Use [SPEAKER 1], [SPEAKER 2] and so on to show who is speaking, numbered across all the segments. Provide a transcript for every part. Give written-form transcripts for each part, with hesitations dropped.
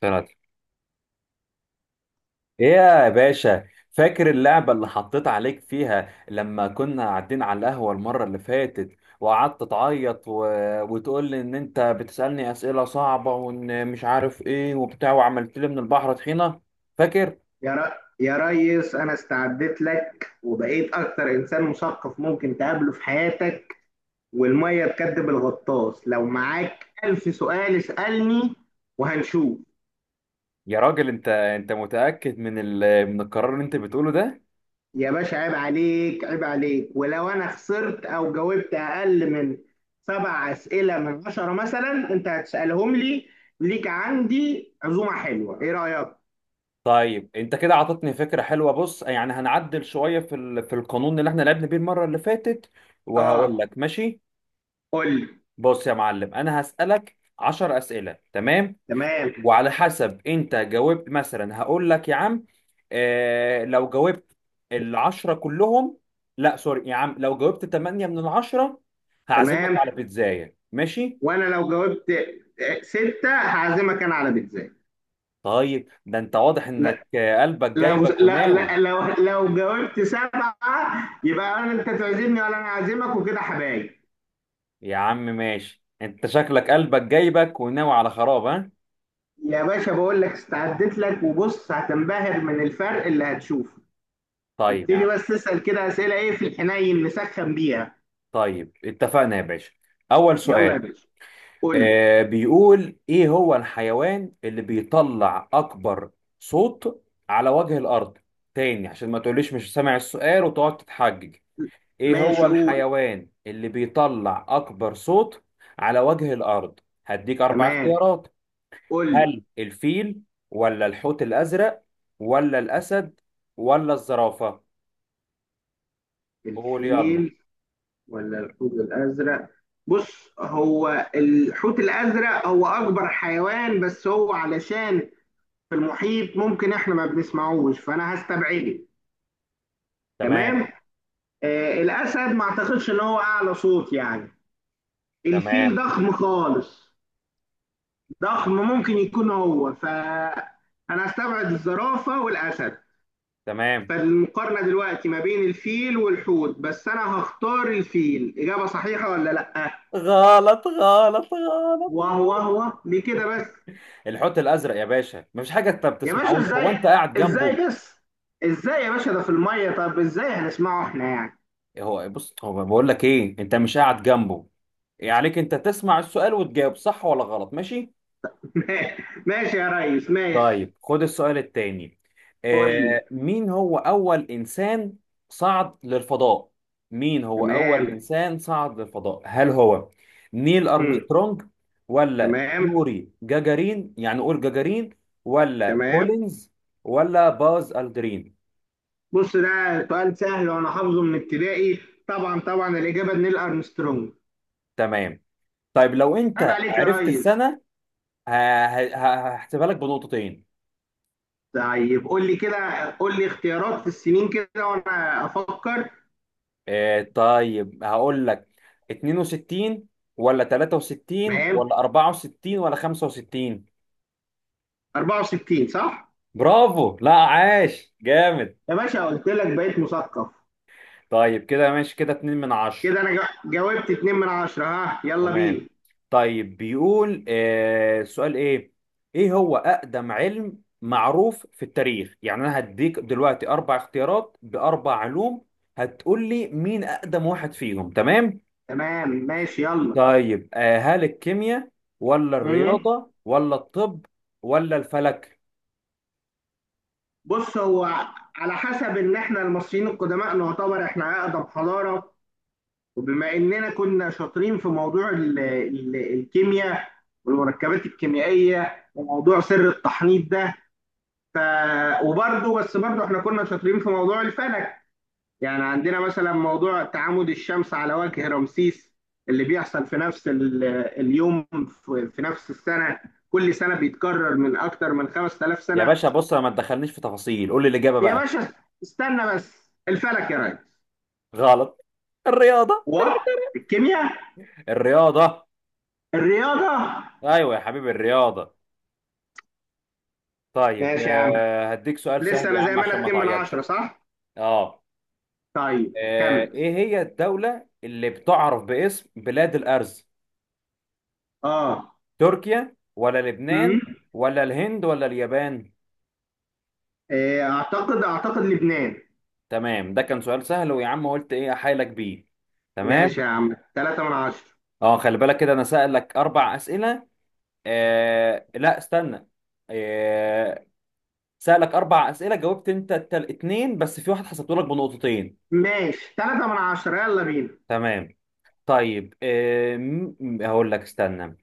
[SPEAKER 1] طلعت ايه يا باشا؟ فاكر اللعبة اللي حطيت عليك فيها لما كنا قاعدين على القهوة المرة اللي فاتت وقعدت تعيط و... وتقول لي ان انت بتسألني أسئلة صعبة وان مش عارف ايه وبتاع، وعملت لي من البحر طحينة؟ فاكر؟
[SPEAKER 2] يا ر... يا ريس، انا استعدت لك وبقيت اكتر انسان مثقف ممكن تقابله في حياتك. والميه تكدب الغطاس، لو معاك الف سؤال اسألني وهنشوف.
[SPEAKER 1] يا راجل، انت متأكد من القرار اللي انت بتقوله ده؟
[SPEAKER 2] يا باشا عيب عليك عيب عليك، ولو انا خسرت او جاوبت اقل من سبع اسئلة من عشرة مثلا انت هتسألهم لي. ليك عندي عزومة حلوة، ايه رأيك؟
[SPEAKER 1] طيب انت كده عطتني فكرة حلوة. بص، يعني هنعدل شوية في القانون اللي احنا لعبنا بيه المرة اللي فاتت، وهقول
[SPEAKER 2] اه،
[SPEAKER 1] لك ماشي.
[SPEAKER 2] قول لي.
[SPEAKER 1] بص يا معلم، انا هسألك 10 أسئلة، تمام؟
[SPEAKER 2] تمام.
[SPEAKER 1] وعلى حسب انت جاوبت مثلا هقول لك يا عم، لو جاوبت العشرة كلهم، لا سوري يا عم، لو جاوبت 8 من العشرة هعزمك
[SPEAKER 2] تمام،
[SPEAKER 1] على بيتزاية، ماشي؟
[SPEAKER 2] وانا لو جاوبت ستة هعزمك انا على بيتزا.
[SPEAKER 1] طيب ده انت واضح
[SPEAKER 2] لا.
[SPEAKER 1] انك قلبك
[SPEAKER 2] لو
[SPEAKER 1] جايبك
[SPEAKER 2] لا
[SPEAKER 1] وناوي.
[SPEAKER 2] لا لو لو جاوبت سبعة يبقى انت تعزمني ولا انا اعزمك وكده حبايب.
[SPEAKER 1] يا عم ماشي، انت شكلك قلبك جايبك وناوي على خراب، ها.
[SPEAKER 2] يا باشا بقول لك استعدت لك، وبص هتنبهر من الفرق اللي هتشوفه.
[SPEAKER 1] طيب يا
[SPEAKER 2] ابتدي
[SPEAKER 1] عم.
[SPEAKER 2] بس تسأل كده أسئلة ايه في الحنين نسخن بيها.
[SPEAKER 1] طيب اتفقنا يا باشا. اول
[SPEAKER 2] يلا
[SPEAKER 1] سؤال.
[SPEAKER 2] يا باشا، قول لي.
[SPEAKER 1] بيقول ايه هو الحيوان اللي بيطلع اكبر صوت على وجه الارض. تاني، عشان ما تقوليش مش سامع السؤال وتقعد تتحجج. ايه هو
[SPEAKER 2] ماشي، قول.
[SPEAKER 1] الحيوان اللي بيطلع اكبر صوت على وجه الارض؟ هديك اربع
[SPEAKER 2] تمام،
[SPEAKER 1] اختيارات.
[SPEAKER 2] قول لي.
[SPEAKER 1] هل الفيل، ولا الحوت الازرق، ولا الاسد، ولا الزرافة؟ قول يلا.
[SPEAKER 2] الفيل، ولا الحوت الأزرق. بص، هو الحوت الأزرق هو أكبر حيوان، بس هو علشان في المحيط ممكن احنا ما بنسمعوش، فانا هستبعده.
[SPEAKER 1] تمام،
[SPEAKER 2] تمام. الاسد ما اعتقدش ان هو اعلى صوت يعني. الفيل
[SPEAKER 1] تمام،
[SPEAKER 2] ضخم خالص، ضخم، ممكن يكون هو، فانا هستبعد الزرافه والاسد.
[SPEAKER 1] تمام.
[SPEAKER 2] فالمقارنه دلوقتي ما بين الفيل والحوت، بس انا هختار الفيل. اجابه صحيحه ولا لا؟
[SPEAKER 1] غلط، غلط، غلط،
[SPEAKER 2] وهو
[SPEAKER 1] غلط.
[SPEAKER 2] هو ليه كده بس؟
[SPEAKER 1] الحوت الازرق يا باشا، مفيش حاجه انت ما
[SPEAKER 2] يا باشا
[SPEAKER 1] بتسمعوش هو
[SPEAKER 2] ازاي؟
[SPEAKER 1] انت قاعد جنبه.
[SPEAKER 2] ازاي بس؟ ازاي يا باشا؟ ده في الميه، طب ازاي هنسمعه احنا يعني؟
[SPEAKER 1] إيه هو، بص هو بقول لك ايه، انت مش قاعد جنبه. إيه عليك، انت تسمع السؤال وتجاوب صح ولا غلط، ماشي؟
[SPEAKER 2] ماشي يا ريس، ماشي.
[SPEAKER 1] طيب خد السؤال التاني.
[SPEAKER 2] قول لي.
[SPEAKER 1] مين هو اول انسان صعد للفضاء؟ مين هو اول
[SPEAKER 2] تمام.
[SPEAKER 1] انسان صعد للفضاء؟ هل هو نيل
[SPEAKER 2] امم.
[SPEAKER 1] ارمسترونج، ولا
[SPEAKER 2] تمام.
[SPEAKER 1] يوري جاجارين، يعني قول جاجارين، ولا
[SPEAKER 2] تمام.
[SPEAKER 1] كولينز، ولا باز الدرين؟
[SPEAKER 2] بص ده سؤال سهل وانا حافظه من ابتدائي. طبعا طبعا الاجابه نيل ارمسترونج.
[SPEAKER 1] تمام. طيب لو
[SPEAKER 2] عيب
[SPEAKER 1] انت
[SPEAKER 2] عليك يا
[SPEAKER 1] عرفت
[SPEAKER 2] ريس.
[SPEAKER 1] السنة ه- هحسبها لك بنقطتين.
[SPEAKER 2] طيب قول لي كده، قول لي اختيارات في السنين كده وانا افكر.
[SPEAKER 1] طيب هقول لك، 62 ولا 63
[SPEAKER 2] تمام.
[SPEAKER 1] ولا 64 ولا 65؟
[SPEAKER 2] 64 صح.
[SPEAKER 1] برافو، لا عاش جامد.
[SPEAKER 2] يا باشا قلت لك بقيت مثقف.
[SPEAKER 1] طيب كده ماشي، كده 2 من 10.
[SPEAKER 2] كده انا جاوبت 2 من 10، ها يلا
[SPEAKER 1] تمام.
[SPEAKER 2] بينا.
[SPEAKER 1] طيب بيقول، السؤال ايه. ايه هو اقدم علم معروف في التاريخ؟ يعني انا هديك دلوقتي اربع اختيارات باربع علوم، هتقول لي مين اقدم واحد فيهم، تمام؟
[SPEAKER 2] تمام، ماشي، يلا.
[SPEAKER 1] طيب، هل الكيمياء، ولا
[SPEAKER 2] امم
[SPEAKER 1] الرياضة، ولا الطب، ولا الفلك؟
[SPEAKER 2] بص هو، على حسب ان احنا المصريين القدماء نعتبر احنا اقدم حضاره، وبما اننا كنا شاطرين في موضوع ال ال الكيمياء والمركبات الكيميائيه وموضوع سر التحنيط ده. ف... وبرده بس برده احنا كنا شاطرين في موضوع الفلك، يعني عندنا مثلا موضوع تعامد الشمس على وجه رمسيس اللي بيحصل في نفس اليوم في نفس السنه، كل سنه بيتكرر من اكتر من 5000
[SPEAKER 1] يا
[SPEAKER 2] سنه.
[SPEAKER 1] باشا بص، أنا ما تدخلنيش في تفاصيل، قول لي الإجابة
[SPEAKER 2] يا
[SPEAKER 1] بقى.
[SPEAKER 2] باشا استنى بس، الفلك يا ريس
[SPEAKER 1] غلط. الرياضة.
[SPEAKER 2] والكيمياء.
[SPEAKER 1] الرياضة.
[SPEAKER 2] الرياضه.
[SPEAKER 1] أيوة يا حبيبي، الرياضة. طيب،
[SPEAKER 2] ماشي يا عم.
[SPEAKER 1] هديك سؤال
[SPEAKER 2] لسه
[SPEAKER 1] سهل يا
[SPEAKER 2] انا زي
[SPEAKER 1] عم
[SPEAKER 2] ما
[SPEAKER 1] عشان
[SPEAKER 2] انا
[SPEAKER 1] ما
[SPEAKER 2] 2 من
[SPEAKER 1] تعيطش.
[SPEAKER 2] 10 صح؟
[SPEAKER 1] اه.
[SPEAKER 2] طيب كمل.
[SPEAKER 1] ايه هي الدولة اللي بتعرف باسم بلاد الأرز؟
[SPEAKER 2] اه.
[SPEAKER 1] تركيا، ولا لبنان،
[SPEAKER 2] امم
[SPEAKER 1] ولا الهند، ولا اليابان؟
[SPEAKER 2] إيه، اعتقد لبنان.
[SPEAKER 1] تمام، ده كان سؤال سهل، ويا عم قلت ايه احايلك بيه. تمام.
[SPEAKER 2] ماشي يا عم، 3 من 10.
[SPEAKER 1] اه خلي بالك كده، انا سألك اربع اسئله. لا استنى. آه سألك اربع اسئله، جاوبت انت اتنين، بس في واحد حسبته لك بنقطتين.
[SPEAKER 2] ماشي 3 من 10، يلا بينا.
[SPEAKER 1] تمام. طيب، هقول لك استنى.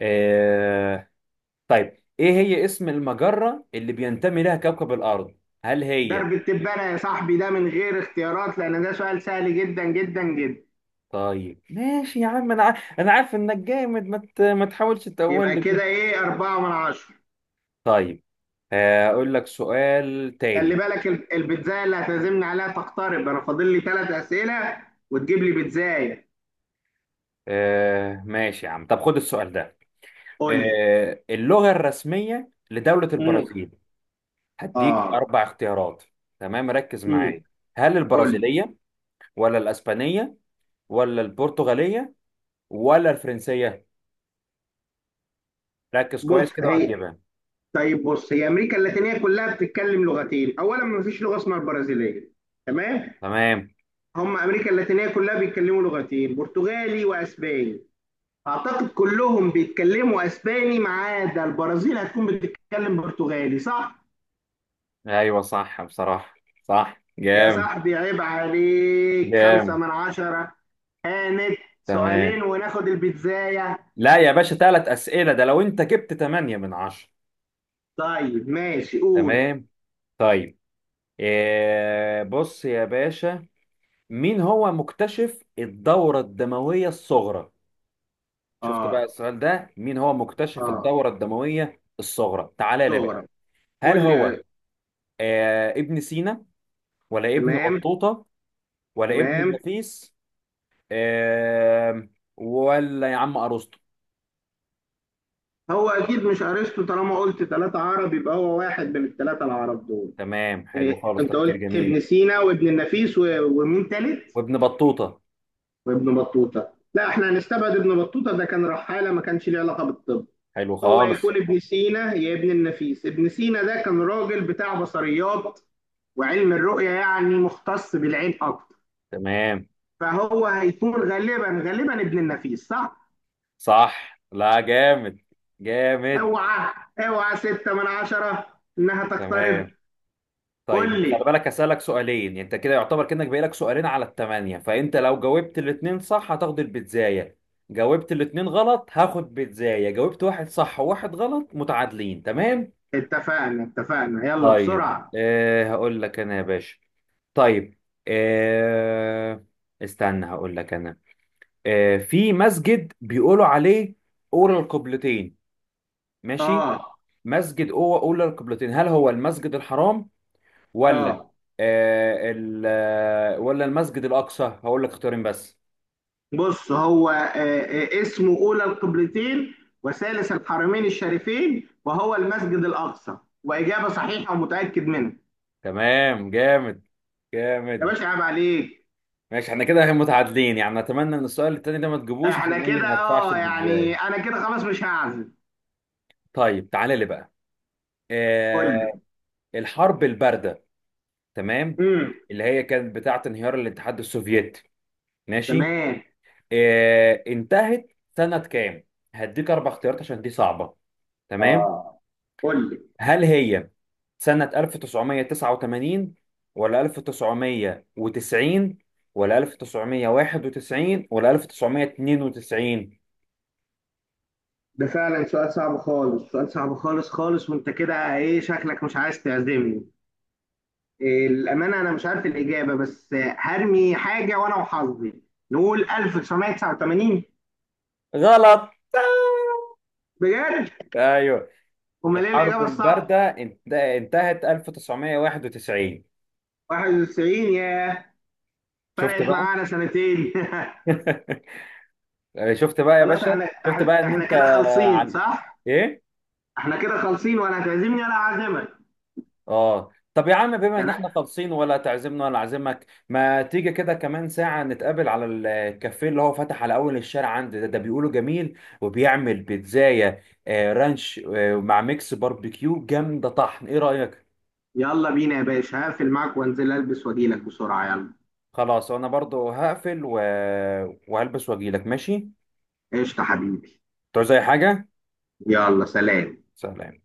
[SPEAKER 1] آه طيب ايه هي اسم المجره اللي بينتمي لها كوكب الارض؟ هل هي.
[SPEAKER 2] درب التبانة يا صاحبي، ده من غير اختيارات لان ده سؤال سهل جدا جدا جدا.
[SPEAKER 1] طيب ماشي يا عم، انا عارف انك جامد، ما تحاولش تقول
[SPEAKER 2] يبقى
[SPEAKER 1] لي كده.
[SPEAKER 2] كده ايه، 4 من 10.
[SPEAKER 1] طيب، اقول لك سؤال
[SPEAKER 2] خلي
[SPEAKER 1] تاني.
[SPEAKER 2] بالك، البيتزاية اللي هتعزمني عليها تقترب، انا فاضل لي ثلاث اسئلة وتجيب لي بيتزاية.
[SPEAKER 1] ماشي يا عم، طب خد السؤال ده.
[SPEAKER 2] قول لي.
[SPEAKER 1] اللغة الرسمية لدولة
[SPEAKER 2] مم.
[SPEAKER 1] البرازيل. هديك
[SPEAKER 2] اه.
[SPEAKER 1] أربع اختيارات. تمام، ركز
[SPEAKER 2] مم.
[SPEAKER 1] معايا. هل
[SPEAKER 2] قول لي.
[SPEAKER 1] البرازيلية، ولا الأسبانية، ولا البرتغالية، ولا الفرنسية؟ ركز
[SPEAKER 2] بص
[SPEAKER 1] كويس كده
[SPEAKER 2] هي.
[SPEAKER 1] وهتجيبها.
[SPEAKER 2] طيب بص، هي امريكا اللاتينيه كلها بتتكلم لغتين، اولا ما فيش لغه اسمها البرازيليه. تمام.
[SPEAKER 1] تمام.
[SPEAKER 2] هم امريكا اللاتينيه كلها بيتكلموا لغتين، برتغالي واسباني. اعتقد كلهم بيتكلموا اسباني ما عدا البرازيل، هتكون بتتكلم برتغالي صح.
[SPEAKER 1] أيوة صح، بصراحة. صح،
[SPEAKER 2] يا
[SPEAKER 1] جامد.
[SPEAKER 2] صاحبي عيب عليك، خمسة
[SPEAKER 1] جامد.
[SPEAKER 2] من عشرة. هانت،
[SPEAKER 1] تمام.
[SPEAKER 2] سؤالين وناخد البيتزاية.
[SPEAKER 1] لا يا باشا، ثلاث أسئلة ده لو أنت جبت تمانية من عشرة.
[SPEAKER 2] طيب ماشي، قول.
[SPEAKER 1] تمام. طيب، بص يا باشا. مين هو مكتشف الدورة الدموية الصغرى؟ شفت بقى
[SPEAKER 2] اه،
[SPEAKER 1] السؤال ده، مين هو مكتشف
[SPEAKER 2] اه،
[SPEAKER 1] الدورة الدموية الصغرى؟ تعالى لي بقى.
[SPEAKER 2] صغرى.
[SPEAKER 1] هل
[SPEAKER 2] قول
[SPEAKER 1] هو
[SPEAKER 2] لي.
[SPEAKER 1] ابن سينا، ولا ابن
[SPEAKER 2] تمام.
[SPEAKER 1] بطوطة، ولا ابن
[SPEAKER 2] تمام.
[SPEAKER 1] النفيس، آه ولا يا عم أرسطو؟
[SPEAKER 2] هو اكيد مش ارسطو، طالما قلت ثلاثة عرب يبقى هو واحد من الثلاثة العرب دول.
[SPEAKER 1] تمام،
[SPEAKER 2] إيه،
[SPEAKER 1] حلو خالص،
[SPEAKER 2] انت قلت
[SPEAKER 1] تفكير جميل.
[SPEAKER 2] ابن سينا وابن النفيس ومين تالت؟
[SPEAKER 1] وابن بطوطة.
[SPEAKER 2] وابن بطوطة، لا احنا هنستبعد ابن بطوطة، ده كان رحالة ما كانش ليه علاقة بالطب.
[SPEAKER 1] حلو
[SPEAKER 2] هو
[SPEAKER 1] خالص.
[SPEAKER 2] يكون ابن سينا يا ابن النفيس. ابن سينا ده كان راجل بتاع بصريات وعلم الرؤية، يعني مختص بالعين اكتر.
[SPEAKER 1] تمام.
[SPEAKER 2] فهو هيكون غالبا غالبا ابن النفيس، صح.
[SPEAKER 1] صح، لا جامد. جامد.
[SPEAKER 2] اوعى، اوعى، ستة من عشرة، انها تقترب.
[SPEAKER 1] تمام. طيب
[SPEAKER 2] قول
[SPEAKER 1] انت خلي
[SPEAKER 2] لي.
[SPEAKER 1] بالك، هسألك سؤالين، يعني انت كده يعتبر كأنك باقي لك سؤالين على الثمانية، فانت لو جاوبت الاتنين صح هتاخد البيتزاية، جاوبت الاتنين غلط هاخد بيتزاية، جاوبت واحد صح وواحد غلط متعادلين، تمام؟
[SPEAKER 2] اتفقنا اتفقنا، يلا
[SPEAKER 1] طيب،
[SPEAKER 2] بسرعة.
[SPEAKER 1] هقول لك انا يا باشا. طيب، أه استنى هقول لك انا. في مسجد بيقولوا عليه أولى القبلتين، ماشي؟
[SPEAKER 2] اه.
[SPEAKER 1] مسجد أولى القبلتين، هل هو المسجد الحرام، ولا
[SPEAKER 2] اه.
[SPEAKER 1] آه ال آه، ولا المسجد الأقصى؟ هقول لك اختيارين بس.
[SPEAKER 2] بص هو، اسمه أولى القبلتين وثالث الحرمين الشريفين، وهو المسجد الأقصى، وإجابة صحيحة ومتأكد منها.
[SPEAKER 1] تمام، جامد.
[SPEAKER 2] يا
[SPEAKER 1] جامد.
[SPEAKER 2] باشا عيب عليك.
[SPEAKER 1] ماشي احنا كده متعادلين، يعني اتمنى ان السؤال التاني ده ما تجيبوش،
[SPEAKER 2] احنا
[SPEAKER 1] عشان ايه
[SPEAKER 2] كده،
[SPEAKER 1] ما ادفعش
[SPEAKER 2] يعني
[SPEAKER 1] البيتزاية.
[SPEAKER 2] انا كده خلاص مش هعزم.
[SPEAKER 1] طيب تعالى لي بقى.
[SPEAKER 2] قول لي.
[SPEAKER 1] آه الحرب الباردة، تمام،
[SPEAKER 2] امم.
[SPEAKER 1] اللي هي كانت بتاعة انهيار الاتحاد السوفيتي، ماشي؟
[SPEAKER 2] تمام.
[SPEAKER 1] انتهت سنة كام؟ هديك اربع اختيارات عشان دي صعبة، تمام.
[SPEAKER 2] اه، قول لي.
[SPEAKER 1] هل هي سنة 1989، ولا 1990، ولا 1991، ولا 1992؟
[SPEAKER 2] ده فعلا سؤال صعب خالص، سؤال صعب خالص خالص، وانت كده ايه شكلك مش عايز تعزمني. الأمانة أنا مش عارف الإجابة، بس هرمي حاجة وأنا وحظي، نقول 1989.
[SPEAKER 1] غلط.
[SPEAKER 2] بجد؟
[SPEAKER 1] ايوه.
[SPEAKER 2] أمال إيه
[SPEAKER 1] الحرب
[SPEAKER 2] الإجابة الصح؟
[SPEAKER 1] الباردة انتهت 1991.
[SPEAKER 2] 91 يا.
[SPEAKER 1] شفت
[SPEAKER 2] فرقت
[SPEAKER 1] بقى.
[SPEAKER 2] معانا سنتين.
[SPEAKER 1] شفت بقى يا
[SPEAKER 2] خلاص،
[SPEAKER 1] باشا.
[SPEAKER 2] احنا
[SPEAKER 1] شفت
[SPEAKER 2] احنا
[SPEAKER 1] بقى ان
[SPEAKER 2] إحنا
[SPEAKER 1] انت
[SPEAKER 2] كده خالصين
[SPEAKER 1] على
[SPEAKER 2] صح؟
[SPEAKER 1] ايه.
[SPEAKER 2] احنا كده خالصين ولا هتعزمني ولا هعزمك.
[SPEAKER 1] اه طب يا عم، بما ان
[SPEAKER 2] يعني
[SPEAKER 1] احنا خالصين، ولا تعزمنا ولا اعزمك، ما تيجي كده كمان ساعة نتقابل على الكافيه اللي هو فتح على اول الشارع عندي ده, ده بيقولوا جميل وبيعمل بيتزاية رانش مع ميكس باربيكيو جامدة طحن، ايه رأيك؟
[SPEAKER 2] يلا بينا يا باشا، هقفل معاك وانزل البس واجيلك بسرعة يلا.
[SPEAKER 1] خلاص انا برضو هقفل و... وهلبس واجيلك، ماشي؟
[SPEAKER 2] قشطة حبيبي.
[SPEAKER 1] تعوز اي حاجة؟
[SPEAKER 2] يلا سلام.
[SPEAKER 1] سلام.